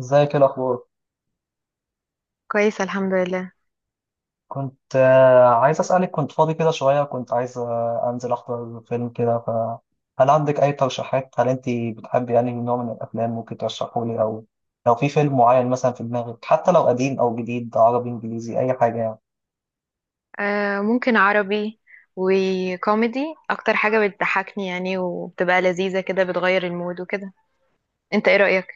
ازيك؟ ايه الاخبار؟ كويسة، الحمد لله. كنت عايز اسالك، كنت فاضي كده شويه، كنت عايز انزل احضر فيلم كده. فهل عندك اي ترشيحات؟ هل انت بتحبي يعني نوع من الافلام ممكن ترشحه لي، او لو في فيلم معين مثلا في دماغك، حتى لو قديم او جديد، عربي، انجليزي، اي حاجه يعني. آه، ممكن عربي وكوميدي. اكتر حاجة بتضحكني، يعني، وبتبقى لذيذة كده، بتغير المود وكده. انت ايه رأيك؟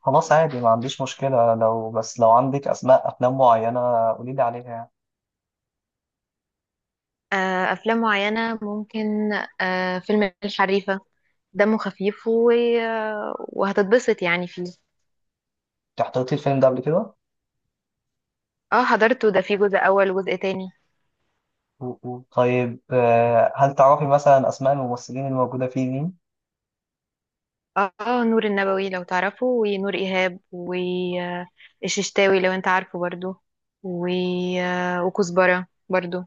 خلاص، عادي، ما عنديش مشكله، لو بس لو عندك اسماء افلام معينه قولي لي عليها يعني. آه، افلام معينة ممكن. آه، فيلم الحريفة. دمه خفيف و وهتتبسط يعني فيه. انت حضرتي الفيلم ده قبل كده؟ اه، حضرته. ده فيه جزء اول وجزء تاني. أوه. طيب، هل تعرفي مثلا اسماء الممثلين الموجوده فيه مين؟ اه آه، نور النبوي لو تعرفه، ونور ايهاب والششتاوي لو انت عارفه برضو. و وكزبرة برضو.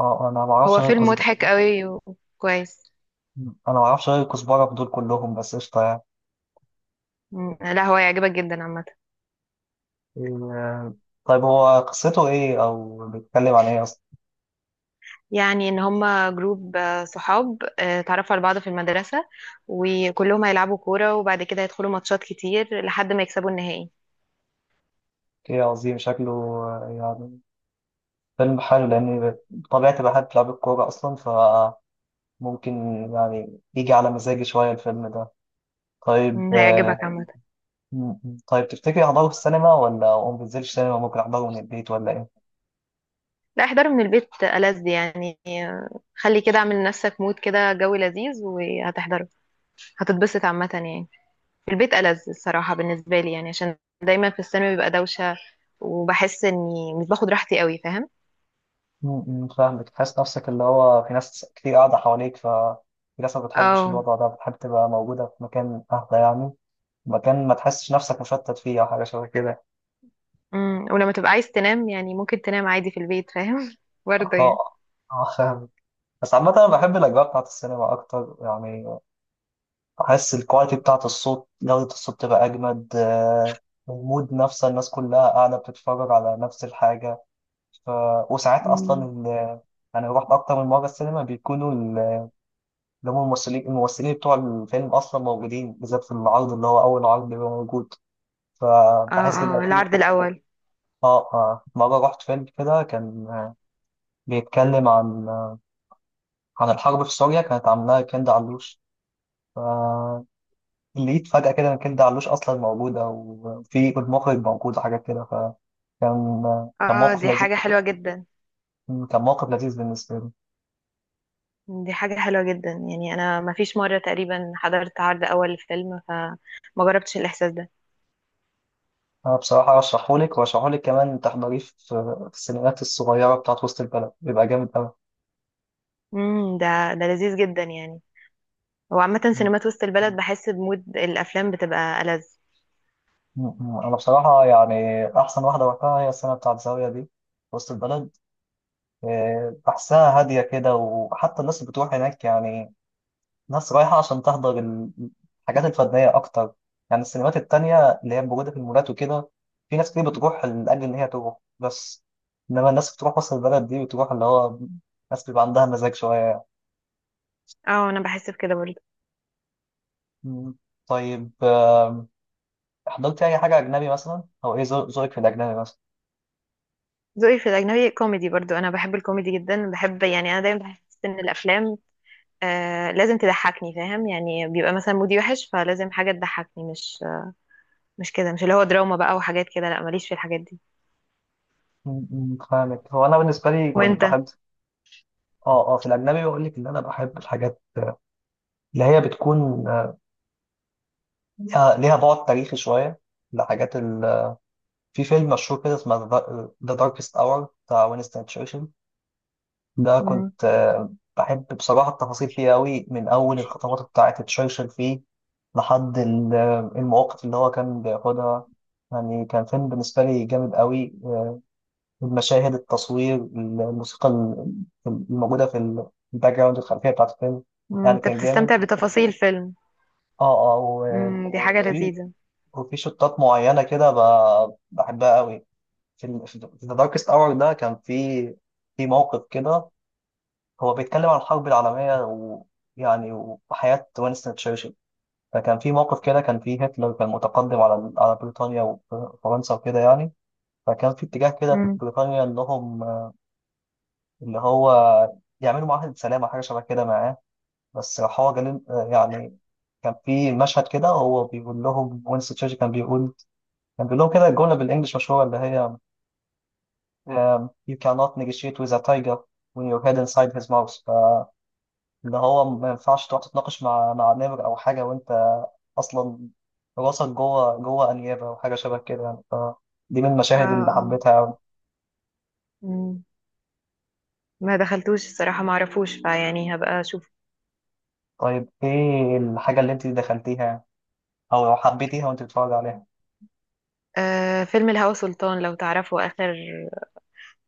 اه، انا ما اعرفش هو غير. فيلم مضحك قوي وكويس. انا ما اعرفش غير الكزبره في دول كلهم، بس قشطه يعني. مم. لا، هو يعجبك جدا عامة. إيه. طيب، هو قصته ايه او بيتكلم عن ايه اصلا؟ يعني ان هما جروب صحاب اتعرفوا على بعض في المدرسة. وكلهم هيلعبوا كورة، وبعد كده هيدخلوا ماتشات كتير لحد ما يكسبوا النهائي. ايه، عظيم. شكله يعني فيلم حلو، لاني بطبيعتي بحب لعب الكوره اصلا، فممكن يعني يجي على مزاجي شويه الفيلم ده. طيب مم، هيعجبك عامة. م- م. طيب تفتكري احضره في السينما، ولا ما بنزلش سينما ممكن احضره من البيت، ولا ايه؟ لا، احضره من البيت ألذ يعني. خلي كده، اعمل لنفسك مود كده، جو لذيذ، وهتحضره. هتتبسط عامة يعني. في البيت ألذ الصراحة بالنسبة لي، يعني عشان دايما في الثانوي بيبقى دوشة. وبحس اني مش باخد راحتي قوي، فاهم. م- م، فاهمك. تحس نفسك اللي هو في ناس كتير قاعده حواليك، ف في ناس ما بتحبش اه. الوضع ده، بتحب تبقى موجودة في مكان أهدى يعني. مكان ما تحسش نفسك مشتت فيه، او حاجه شبه كده. ولما تبقى عايز تنام يعني ممكن تنام عادي في البيت، فاهم برضه يعني. اه اه، فاهم. بس عامة أنا بحب الأجواء بتاعة السينما أكتر يعني. بحس الكواليتي بتاعة الصوت، جودة الصوت تبقى أجمد، المود نفسه، الناس كلها قاعدة بتتفرج على نفس الحاجة. ف... وساعات أصلا مم. أنا رحت أكتر من مرة السينما، بيكونوا ال- اللي هم الممثلين بتوع الفيلم أصلا موجودين، بالذات في العرض اللي هو أول عرض بيبقى موجود. اه، فبحس بيبقى اه، فيه. العرض الاول. مرة رحت فيلم كده، كان بيتكلم عن الحرب في سوريا، كانت عاملاها كندا علوش. فلقيت فجأة كده إن كندا علوش أصلا موجودة، وفي المخرج موجود، وحاجات كده، فكان كان اه، موقف دي لذيذ، حاجة حلوة جدا. كان موقف لذيذ بالنسبة لي. دي حاجة حلوة جدا، يعني انا ما فيش مرة تقريبا حضرت عرض اول لفيلم، فما جربتش الاحساس ده. أنا بصراحة أرشحهولك، وأرشحهولك كمان تحضريه في في السينمات الصغيرة بتاعت وسط البلد، بيبقى جامد أوي. امم ده ده لذيذ جدا يعني. وعامة م- سينمات وسط البلد، بحس بمود الافلام بتبقى ألذ. م-. أنا بصراحة يعني أحسن واحدة وقتها هي السنة بتاعت زاوية دي في وسط البلد. بحسها هادية كده، وحتى الناس اللي بتروح هناك يعني ناس رايحة عشان تحضر ال- الحاجات الفنية أكتر. يعني السينمات التانية اللي هي موجودة في المولات وكده، في ناس كتير بتروح لأجل إن هي تروح بس. إنما الناس بتروح وسط البلد دي بتروح اللي هو، ناس بيبقى عندها مزاج شوية. اه، انا بحس بكده برضه. مم. طيب حضرت أي حاجة أجنبي مثلا، أو إيه ذوقك في الأجنبي مثلا؟ ذوقي في الاجنبي كوميدي برضه. انا بحب الكوميدي جدا. بحب، يعني انا دايما بحس ان الافلام لازم تضحكني، فاهم يعني. بيبقى مثلا مودي وحش، فلازم حاجة تضحكني. مش كده، مش اللي هو دراما بقى وحاجات كده. لا، ماليش في الحاجات دي. مم، مم، فاهمك. هو أنا بالنسبة لي كنت وانت؟ بحب في الأجنبي بقول لك إن أنا بحب الحاجات اللي هي بتكون ليها بعد تاريخي شوية. الحاجات، في فيلم مشهور كده اسمه ذا داركست اور بتاع وينستون تشرشل. ده مم. كنت بحب بصراحة التفاصيل فيه قوي، من أول الخطوات بتاعة تشرشل فيه، لحد ال- المواقف اللي هو كان بياخدها. يعني كان فيلم بالنسبة لي جامد قوي، المشاهد، التصوير، الموسيقى، ال- الموجودة في ال- في الباك جراوند، الخلفية بتاعة الفيلم. مم، يعني انت كان جامد. بتستمتع بتفاصيل فيلم؟ اه و- مم، دي حاجة وفي لذيذة. وفي شطات معينة كده، بحبها قوي. في ال- في ذا داركست اور ده، كان في موقف كده، هو بيتكلم عن الحرب العالميه، ويعني وحياه وينستون تشرشل. فكان في موقف كده، كان في هتلر، كان متقدم على بريطانيا وفرنسا وكده يعني. فكان في اتجاه كده في مم. بريطانيا انهم اللي هو يعملوا معاهده سلام او حاجه شبه كده معاه. بس راح هو جالين يعني، كان في مشهد كده هو بيقول لهم، وينستون تشرشل كان بيقول لهم كده الجمله بالانجلش مشهوره اللي هي: you cannot negotiate with a tiger when your head inside his mouth. فاللي هو ما ينفعش تقعد تتناقش مع نمر أو حاجة وأنت أصلا راسك جوه أنيابة، أو حاجة شبه كده يعني، فدي من اه، المشاهد اللي اه. حبيتها أوي. مم. ما دخلتوش الصراحة، ما اعرفوش، فيعني هبقى اشوف. طيب، إيه الحاجة اللي أنت دخلتيها؟ أو لو حبيتيها وأنت بتتفرج عليها؟ آه، فيلم الهوى سلطان لو تعرفه، اخر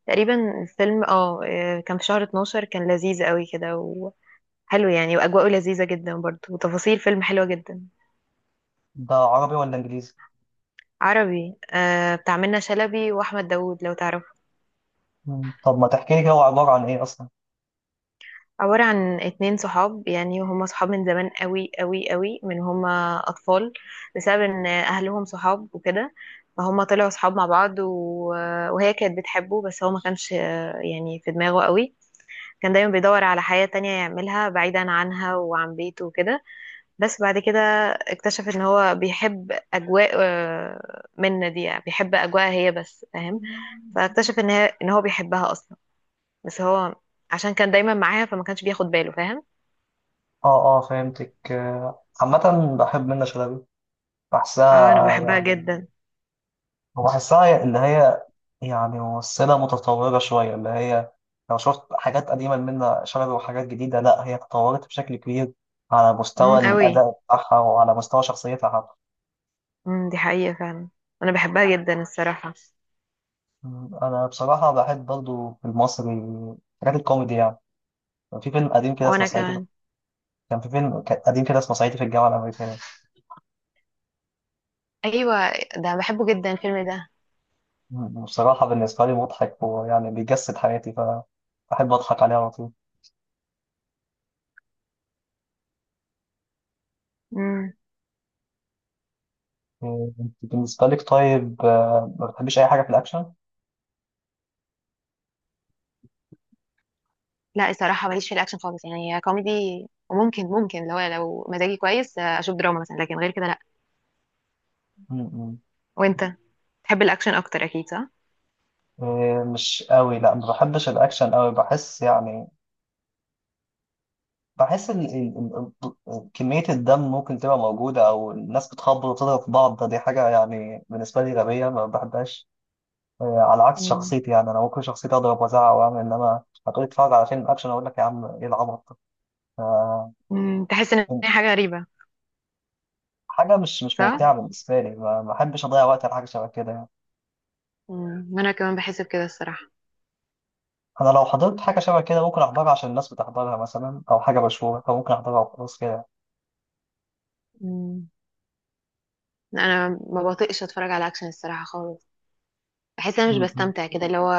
تقريبا الفيلم. كان في شهر 12، كان لذيذ قوي كده وحلو. يعني واجواءه لذيذة جدا برضه، وتفاصيل فيلم حلوة جدا. ده عربي ولا إنجليزي؟ عربي، بتاع منة شلبي واحمد داوود لو تعرفه. مم. طب ما تحكي لي كده، هو عبارة عن إيه أصلا؟ عبارة عن 2 صحاب. يعني هما صحاب من زمان قوي قوي قوي، من هما اطفال. بسبب ان اهلهم صحاب وكده. فهما طلعوا صحاب مع بعض. و وهي كانت بتحبه. بس هو ما كانش، يعني في دماغه قوي. كان دايما بيدور على حياة تانية يعملها بعيدا عنها وعن بيته وكده. بس بعد كده، اكتشف ان هو بيحب اجواء منة دي. يعني بيحب اجواء هي بس، فاهم. فاكتشف ان هو بيحبها اصلا. بس هو، عشان كان دايما معاها فما كانش بياخد باله، فاهم. اه اه، فهمتك. عامة بحب منة شلبي، اه، انا بحبها بحسها، جدا. اللي هي يعني ممثلة متطورة شوية، اللي هي لو شفت حاجات قديمة منها شبه وحاجات جديدة، لا هي تطورت بشكل كبير، على مستوى امم، قوي. الأداء بتاعها وعلى مستوى شخصيتها حتى. امم، دي حقيقة فعلا. انا بحبها جدا الصراحة. م، أنا بصراحة بحب برضو في المصري حاجات الكوميدي يعني. كان في فيلم قديم كده اسمه وانا صعيدي في- كمان. كان في فيلم قديم كده اسمه صعيدي في الجامعة الأمريكية. ايوه. ده بحبه جدا الفيلم ده. م، بصراحة بالنسبة لي مضحك، ويعني بيجسد حياتي، فبحب أضحك عليه على طول. امم. م، أنت بالنسبة لك، طيب ما بتحبيش أي حاجة في الأكشن؟ لا، الصراحة ماليش في الاكشن خالص، يعني هي كوميدي. وممكن ممكن لو مزاجي كويس، اشوف دراما مثلا، لكن غير كده لا. م- م. وانت، تحب الاكشن اكتر اكيد، صح؟ إيه، مش قوي، لا ما بحبش الاكشن قوي، بحس يعني بحس ال... كمية الدم ممكن تبقى موجودة، او الناس بتخبط وتضرب في بعض، ده دي حاجة يعني بالنسبة لي غبية ما بحبهاش. إيه، على عكس امم شخصيتي يعني انا ممكن شخصيتي اضرب وازعق واعمل، انما هتقولي اتفرج على فيلم اكشن اقول لك يا عم ايه العبط ده؟ ف- أمم، تحس ان هي حاجة غريبة. حاجة مش صح. ممتعة بالنسبة لي، ما بحبش اضيع وقت على حاجة شبه كده يعني. انا كمان بحس بكده الصراحة. انا لو حضرت حاجة شبه كده ممكن احضرها عشان الناس بتحضرها مثلا، او حاجة مشهورة، فممكن احضرها وخلاص كده. امم انا ما بطيقش اتفرج على اكشن الصراحة خالص. بحس انا مش م- م. بستمتع كده، اللي هو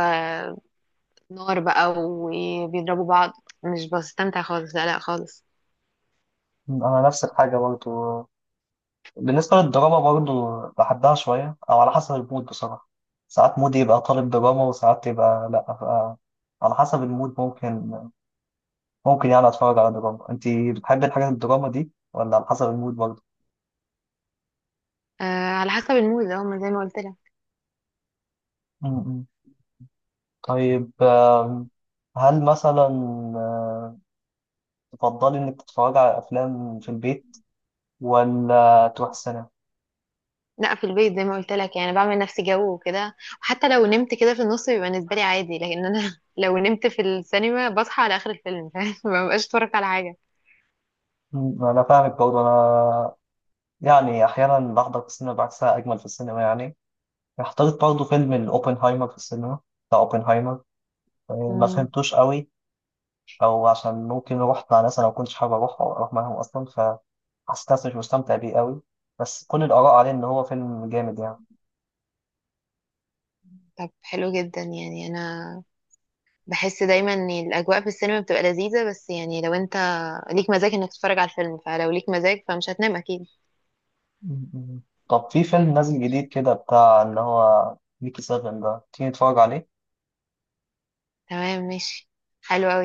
نار بقى وبيضربوا بعض. مش بستمتع خالص، لا لا خالص. انا نفس الحاجه برضو، بالنسبه للدراما برضو بحبها شويه او على حسب المود بصراحه. ساعات مودي يبقى طالب دراما، وساعات يبقى لا، ف- على حسب المود، ممكن يعني اتفرج على دراما. انت بتحبي الحاجات الدراما دي ولا على حسب المود برضو؟ آه، على حسب المود اهو، ما زي ما قلت لك. م- م. طيب هل مثلا آه، تفضلي انك تتفرجي على افلام في البيت، ولا تروح السينما؟ لا، في البيت زي ما قلت لك، يعني بعمل نفسي جو وكده. وحتى لو نمت كده في النص بيبقى بالنسبه لي عادي. لكن انا لو نمت في السينما بصحى على اخر الفيلم، فاهم ما ببقاش اتفرج على حاجه. م، انا فاهمك برضو. انا يعني احيانا بحضر في السينما، بحسها اجمل في السينما يعني. اخترت برضه فيلم الأوبنهايمر في السينما، بتاع أوبنهايمر. ما مم. فهمتوش قوي، أو عشان ممكن روحت مع ناس أنا ما كنتش حابب أروح، أو أروح معاهم أصلا، فحسيت نفسي مش مستمتع بيه قوي. بس كل الآراء عليه إن هو فيلم جامد يعني. طب، حلو جدا يعني. انا بحس دايما ان الاجواء في السينما بتبقى لذيذه، بس يعني لو انت ليك مزاج انك تتفرج على الفيلم، فلو ليك مزاج فمش هتنام اكيد. م- م. طب في فيلم نازل جديد كده بتاع اللي هو ميكي سيفن ده، تيجي نتفرج عليه؟ تمام، ماشي. حلو قوي.